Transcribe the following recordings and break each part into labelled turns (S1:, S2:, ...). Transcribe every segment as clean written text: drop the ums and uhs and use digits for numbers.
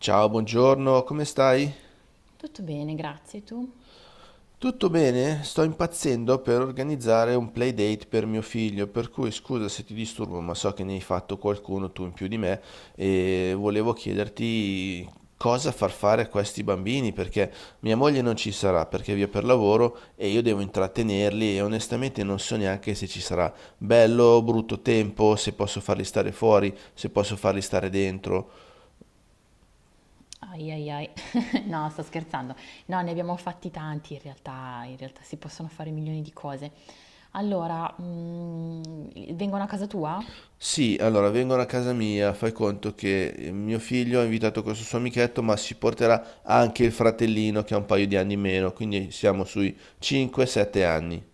S1: Ciao, buongiorno, come stai?
S2: Tutto bene, grazie. Tu?
S1: Tutto bene? Sto impazzendo per organizzare un playdate per mio figlio, per cui scusa se ti disturbo, ma so che ne hai fatto qualcuno tu in più di me e volevo chiederti cosa far fare a questi bambini, perché mia moglie non ci sarà, perché è via per lavoro e io devo intrattenerli e onestamente non so neanche se ci sarà bello o brutto tempo, se posso farli stare fuori, se posso farli stare dentro.
S2: Ai ai ai. No, sto scherzando. No, ne abbiamo fatti tanti in realtà si possono fare milioni di cose. Allora, vengono a casa tua?
S1: Sì, allora vengono a casa mia, fai conto che mio figlio ha invitato questo suo amichetto, ma si porterà anche il fratellino che ha un paio di anni in meno, quindi siamo sui 5-7 anni.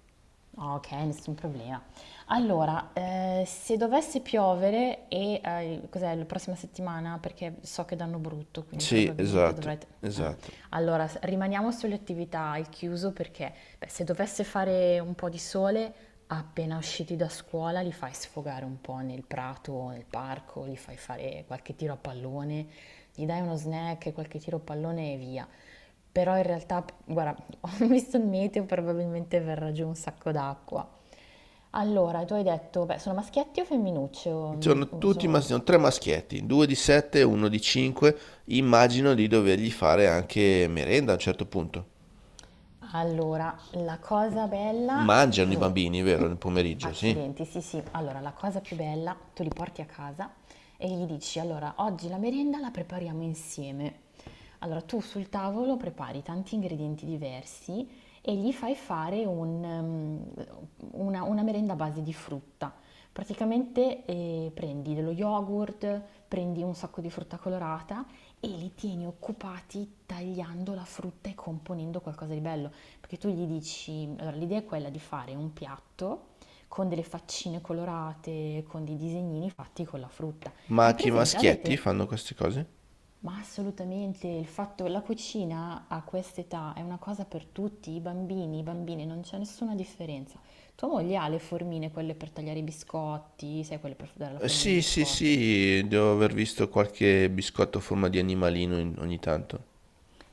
S2: Ok, nessun problema. Allora, se dovesse piovere e cos'è, la prossima settimana, perché so che danno brutto, quindi
S1: Sì,
S2: probabilmente
S1: esatto,
S2: dovrete... eh.
S1: esatto.
S2: Allora, rimaniamo sulle attività al chiuso perché beh, se dovesse fare un po' di sole, appena usciti da scuola li fai sfogare un po' nel prato o nel parco, li fai fare qualche tiro a pallone, gli dai uno snack, qualche tiro a pallone e via. Però in realtà, guarda, ho visto il meteo, probabilmente verrà giù un sacco d'acqua. Allora, tu hai detto, beh, sono maschietti o femminucce? O, mm,
S1: Sono
S2: o sono-
S1: tutti,
S2: oh,
S1: sono tre maschietti, due di 7 e uno di 5. Immagino di dovergli fare anche merenda a un certo punto.
S2: Allora, la cosa bella,
S1: Mangiano i
S2: dunque,
S1: bambini, vero, nel pomeriggio, sì.
S2: accidenti, sì sì, allora la cosa più bella, tu li porti a casa e gli dici, allora, oggi la merenda la prepariamo insieme. Allora, tu sul tavolo prepari tanti ingredienti diversi e gli fai fare una merenda a base di frutta. Praticamente prendi dello yogurt, prendi un sacco di frutta colorata e li tieni occupati tagliando la frutta e componendo qualcosa di bello. Perché tu gli dici, allora l'idea è quella di fare un piatto con delle faccine colorate, con dei disegnini fatti con la frutta.
S1: Ma
S2: Hai
S1: anche i
S2: presente?
S1: maschietti
S2: Avete?
S1: fanno queste cose?
S2: Ma assolutamente, il fatto, che la cucina a quest'età è una cosa per tutti, i bambini, non c'è nessuna differenza. Tua moglie ha le formine, quelle per tagliare i biscotti, sai, quelle per dare la formina ai
S1: Sì, sì,
S2: biscotti.
S1: sì, devo aver visto qualche biscotto a forma di animalino ogni tanto.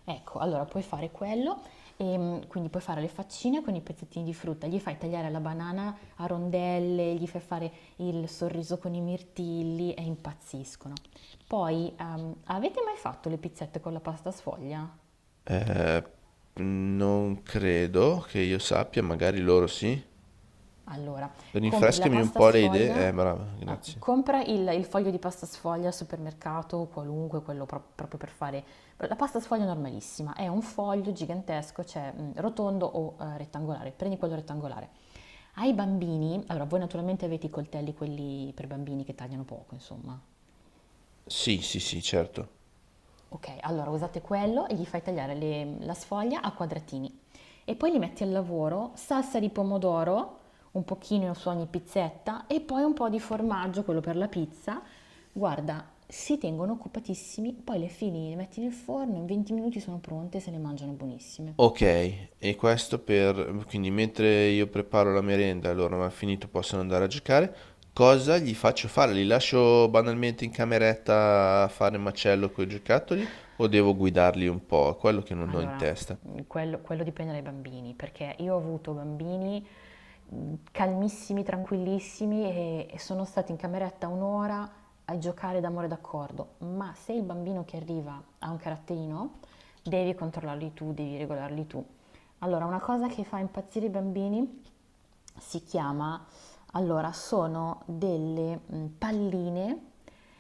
S2: Ecco, allora puoi fare quello, quindi puoi fare le faccine con i pezzettini di frutta, gli fai tagliare la banana a rondelle, gli fai fare il sorriso con i mirtilli e impazziscono. Poi, avete mai fatto le pizzette con la pasta sfoglia?
S1: Eh, non credo che io sappia, magari loro sì.
S2: Allora, compri la
S1: Rinfrescami un
S2: pasta
S1: po' le idee.
S2: sfoglia,
S1: Brava,
S2: ah,
S1: grazie.
S2: compra il foglio di pasta sfoglia al supermercato, qualunque, quello proprio per fare... La pasta sfoglia è normalissima, è un foglio gigantesco, cioè rotondo o rettangolare, prendi quello rettangolare. Ai bambini, allora voi naturalmente avete i coltelli, quelli per bambini che tagliano poco, insomma,
S1: Sì, sì, sì, certo.
S2: ok, allora usate quello e gli fai tagliare la sfoglia a quadratini e poi li metti al lavoro, salsa di pomodoro, un pochino su ogni pizzetta e poi un po' di formaggio, quello per la pizza. Guarda, si tengono occupatissimi, poi le fili le metti nel forno, in 20 minuti sono pronte e se le mangiano buonissime.
S1: Ok, e questo per... Quindi mentre io preparo la merenda e loro non hanno finito possono andare a giocare, cosa gli faccio fare? Li lascio banalmente in cameretta a fare macello con i giocattoli o devo guidarli un po'? È quello che non ho in
S2: Allora,
S1: testa.
S2: quello dipende dai bambini, perché io ho avuto bambini calmissimi, tranquillissimi e sono stati in cameretta un'ora a giocare d'amore d'accordo, ma se il bambino che arriva ha un caratterino, devi controllarli tu, devi regolarli tu. Allora, una cosa che fa impazzire i bambini si chiama, allora, sono delle palline,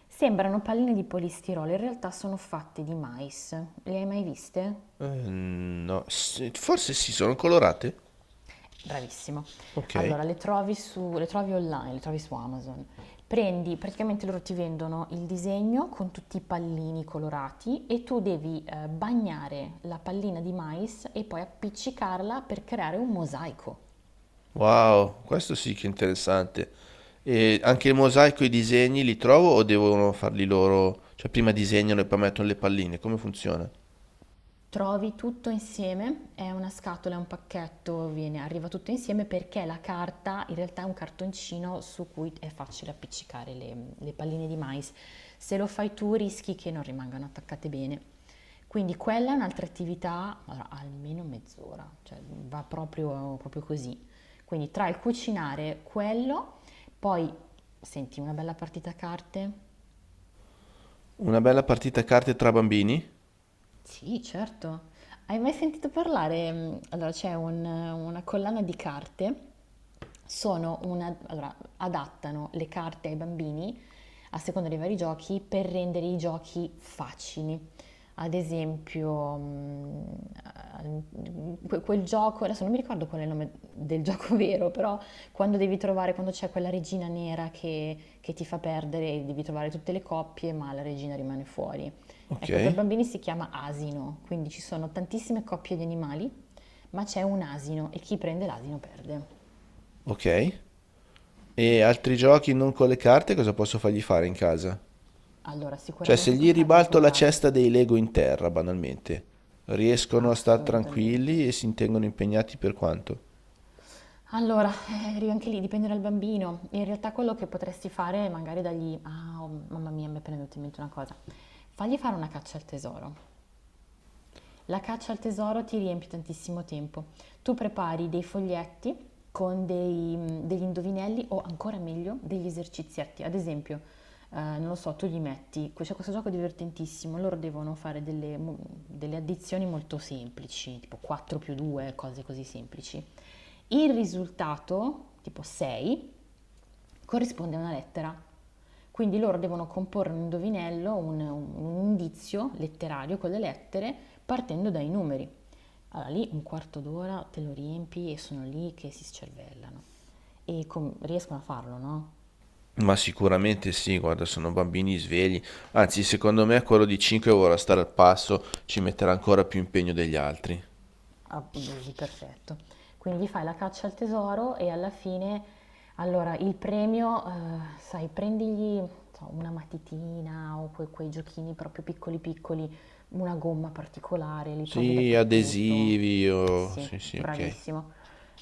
S2: sembrano palline di polistirolo, in realtà sono fatte di mais. Le hai mai viste?
S1: No, sì, forse sì, sono colorate.
S2: Bravissimo.
S1: Ok.
S2: Allora, le trovi online, le trovi su Amazon. Prendi, praticamente loro ti vendono il disegno con tutti i pallini colorati e tu devi bagnare la pallina di mais e poi appiccicarla per creare un mosaico.
S1: Wow, questo sì che è interessante. E anche il mosaico e i disegni li trovo o devono farli loro? Cioè prima disegnano e poi mettono le palline, come funziona?
S2: Trovi tutto insieme, è una scatola, è un pacchetto, arriva tutto insieme perché la carta in realtà è un cartoncino su cui è facile appiccicare le palline di mais. Se lo fai tu rischi che non rimangano attaccate bene. Quindi quella è un'altra attività, allora, almeno mezz'ora, cioè va proprio, proprio così. Quindi tra il cucinare quello, poi senti una bella partita a carte,
S1: Una bella partita a carte tra bambini?
S2: sì, certo. Hai mai sentito parlare? Allora, c'è una collana di carte, sono una, allora, adattano le carte ai bambini a seconda dei vari giochi per rendere i giochi facili. Ad esempio, eh, quel gioco, adesso non mi ricordo qual è il nome del gioco vero, però quando devi trovare, quando c'è quella regina nera che ti fa perdere, devi trovare tutte le coppie, ma la regina rimane fuori.
S1: Ok,
S2: Ecco, per bambini si chiama asino, quindi ci sono tantissime coppie di animali, ma c'è un asino e chi prende l'asino perde.
S1: ok. E altri giochi non con le carte, cosa posso fargli fare in casa?
S2: Allora,
S1: Cioè se
S2: sicuramente puoi
S1: gli
S2: farli
S1: ribalto la
S2: colorare,
S1: cesta dei Lego in terra, banalmente, riescono a star
S2: assolutamente.
S1: tranquilli e si intengono impegnati per quanto?
S2: Allora, anche lì dipende dal bambino. In realtà quello che potresti fare è magari dargli... Ah, oh, mamma mia, mi è appena venuta in mente una cosa. Fagli fare una caccia al tesoro. La caccia al tesoro ti riempie tantissimo tempo. Tu prepari dei foglietti con degli indovinelli o ancora meglio degli esercizietti. Ad esempio, non lo so, tu gli metti, c'è questo gioco divertentissimo, loro devono fare delle addizioni molto semplici, tipo 4 più 2, cose così semplici. Il risultato, tipo 6, corrisponde a una lettera. Quindi loro devono comporre un indovinello, un indizio letterario con le lettere partendo dai numeri. Allora lì un quarto d'ora te lo riempi e sono lì che si scervellano e riescono a farlo, no?
S1: Ma sicuramente sì, guarda, sono bambini svegli. Anzi, secondo me quello di 5 vorrà stare al passo, ci metterà ancora più impegno degli altri.
S2: Abusi, perfetto. Quindi fai la caccia al tesoro e alla fine, allora, il premio, sai, prendigli non so, una matitina o quei giochini proprio piccoli piccoli, una gomma particolare, li trovi
S1: Sì,
S2: dappertutto.
S1: adesivi, oh,
S2: Sì,
S1: sì, sì, ok.
S2: bravissimo.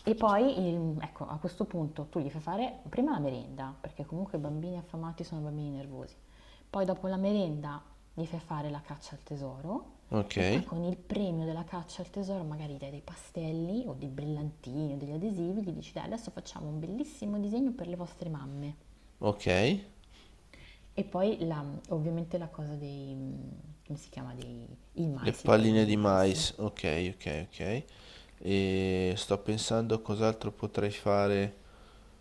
S2: E poi, ecco, a questo punto tu gli fai fare prima la merenda, perché comunque i bambini affamati sono bambini nervosi. Poi dopo la merenda gli fai fare la caccia al tesoro
S1: Ok,
S2: e poi con il premio della caccia al tesoro magari dai dei pastelli o dei brillantini o degli adesivi, gli dici dai adesso facciamo un bellissimo disegno per le vostre mamme.
S1: ok.
S2: E poi ovviamente la cosa dei, come si chiama, dei, il
S1: Le
S2: mais, le palline
S1: palline
S2: di
S1: di
S2: mais.
S1: mais, ok, ok, ok. E sto pensando a cos'altro potrei fare.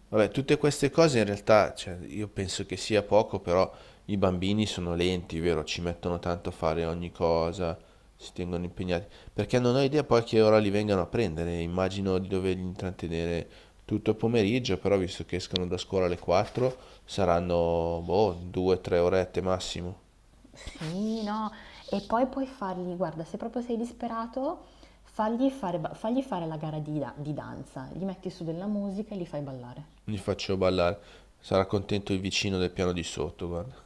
S1: Vabbè, tutte queste cose in realtà, cioè, io penso che sia poco, però i bambini sono lenti, vero? Ci mettono tanto a fare ogni cosa, si tengono impegnati, perché non ho idea poi a che ora li vengano a prendere, immagino di doverli intrattenere tutto il pomeriggio, però visto che escono da scuola alle 4, saranno, boh, 2-3 orette massimo.
S2: Sì, no, e poi puoi fargli, guarda, se proprio sei disperato, fagli fare la gara di danza, gli metti su della musica e li fai ballare.
S1: Li faccio ballare, sarà contento il vicino del piano di sotto, guarda.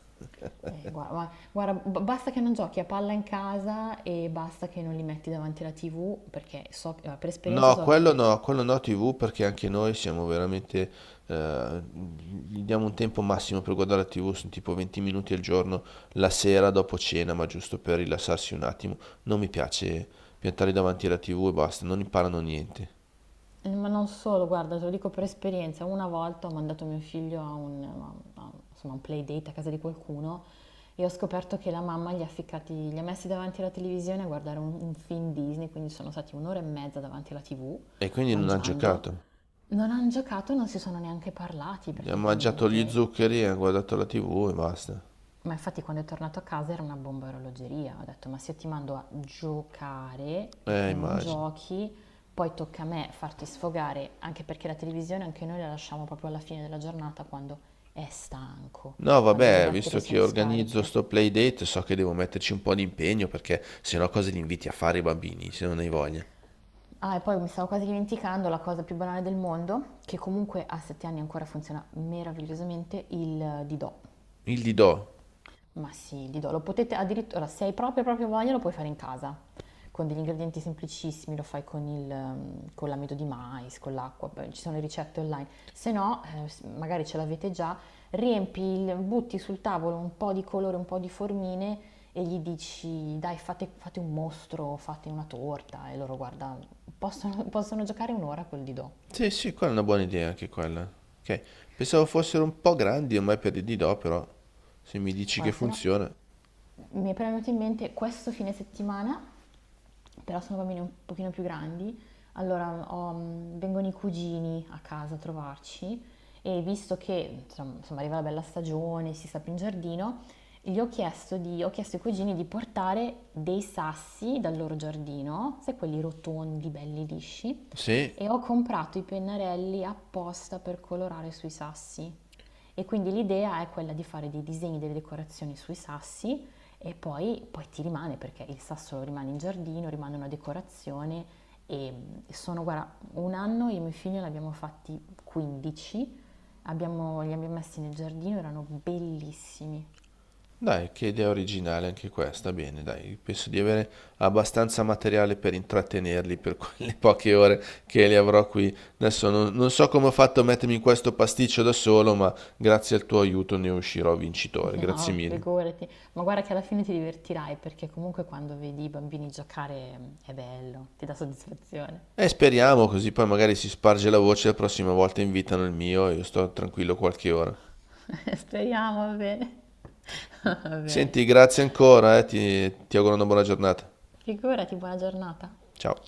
S2: Guarda, guarda, basta che non giochi a palla in casa e basta che non li metti davanti alla TV, perché so, per esperienza
S1: No,
S2: so che,
S1: quello no, quello no TV perché anche noi siamo veramente, eh, gli diamo un tempo massimo per guardare la TV, sono tipo 20 minuti al giorno, la sera dopo cena, ma giusto per rilassarsi un attimo. Non mi piace piantarli davanti alla TV e basta, non imparano niente.
S2: ma non solo, guarda, te lo dico per esperienza, una volta ho mandato mio figlio a insomma, un playdate a casa di qualcuno e ho scoperto che la mamma gli ha, ficcati, li ha messi davanti alla televisione a guardare un film Disney, quindi sono stati un'ora e mezza davanti alla TV,
S1: E quindi non ha
S2: mangiando,
S1: giocato.
S2: non hanno giocato, non si sono neanche parlati
S1: Ha mangiato gli
S2: praticamente.
S1: zuccheri, ha guardato la TV e basta.
S2: Ma infatti quando è tornato a casa era una bomba a orologeria. Ho detto, ma se io ti mando a giocare e tu non
S1: Immagino.
S2: giochi, poi tocca a me farti sfogare, anche perché la televisione anche noi la lasciamo proprio alla fine della giornata quando è stanco,
S1: No,
S2: quando le
S1: vabbè,
S2: batterie
S1: visto che
S2: sono
S1: organizzo
S2: scariche.
S1: sto playdate, so che devo metterci un po' di impegno perché sennò cosa li inviti a fare i bambini, se non hai voglia.
S2: Ah, e poi mi stavo quasi dimenticando la cosa più banale del mondo, che comunque a sette anni ancora funziona meravigliosamente, il Didò.
S1: Il didò.
S2: Ma sì, Lido, lo potete addirittura, se hai proprio proprio voglia, lo puoi fare in casa, con degli ingredienti semplicissimi, lo fai con con l'amido di mais, con l'acqua, poi ci sono le ricette online. Se no, magari ce l'avete già, riempi, butti sul tavolo un po' di colore, un po' di formine e gli dici, dai, fate, fate un mostro, fate una torta, e loro, guarda, possono giocare un'ora col Lido.
S1: Sì, sì, quella è una buona idea anche quella. Ok. Pensavo fossero un po' grandi ormai per il Didò, però se mi dici che
S2: Guarda, se no,
S1: funziona.
S2: mi è proprio venuto in mente questo fine settimana però sono bambini un pochino più grandi, allora vengono i cugini a casa a trovarci e visto che insomma, arriva la bella stagione, si sta più in giardino, gli ho chiesto, di- ho chiesto ai cugini di portare dei sassi dal loro giardino, sai quelli rotondi, belli lisci,
S1: Sì,
S2: e ho comprato i pennarelli apposta per colorare sui sassi. E quindi l'idea è quella di fare dei disegni, delle decorazioni sui sassi e poi ti rimane perché il sasso rimane in giardino, rimane una decorazione e sono, guarda, un anno io e mio figlio ne abbiamo fatti 15, abbiamo, li abbiamo messi nel giardino, erano bellissimi.
S1: dai, che idea originale anche questa. Bene, dai, penso di avere abbastanza materiale per intrattenerli per quelle poche ore che li avrò qui. Adesso non, non so come ho fatto a mettermi in questo pasticcio da solo, ma grazie al tuo aiuto ne uscirò vincitore. Grazie
S2: No,
S1: mille.
S2: figurati, ma guarda che alla fine ti divertirai perché comunque quando vedi i bambini giocare è bello, ti dà soddisfazione.
S1: E speriamo, così poi magari si sparge la voce, la prossima volta invitano il mio e io sto tranquillo qualche ora.
S2: Speriamo, va bene. Va bene.
S1: Senti, grazie ancora, ti, ti auguro una buona giornata.
S2: Figurati, buona giornata.
S1: Ciao.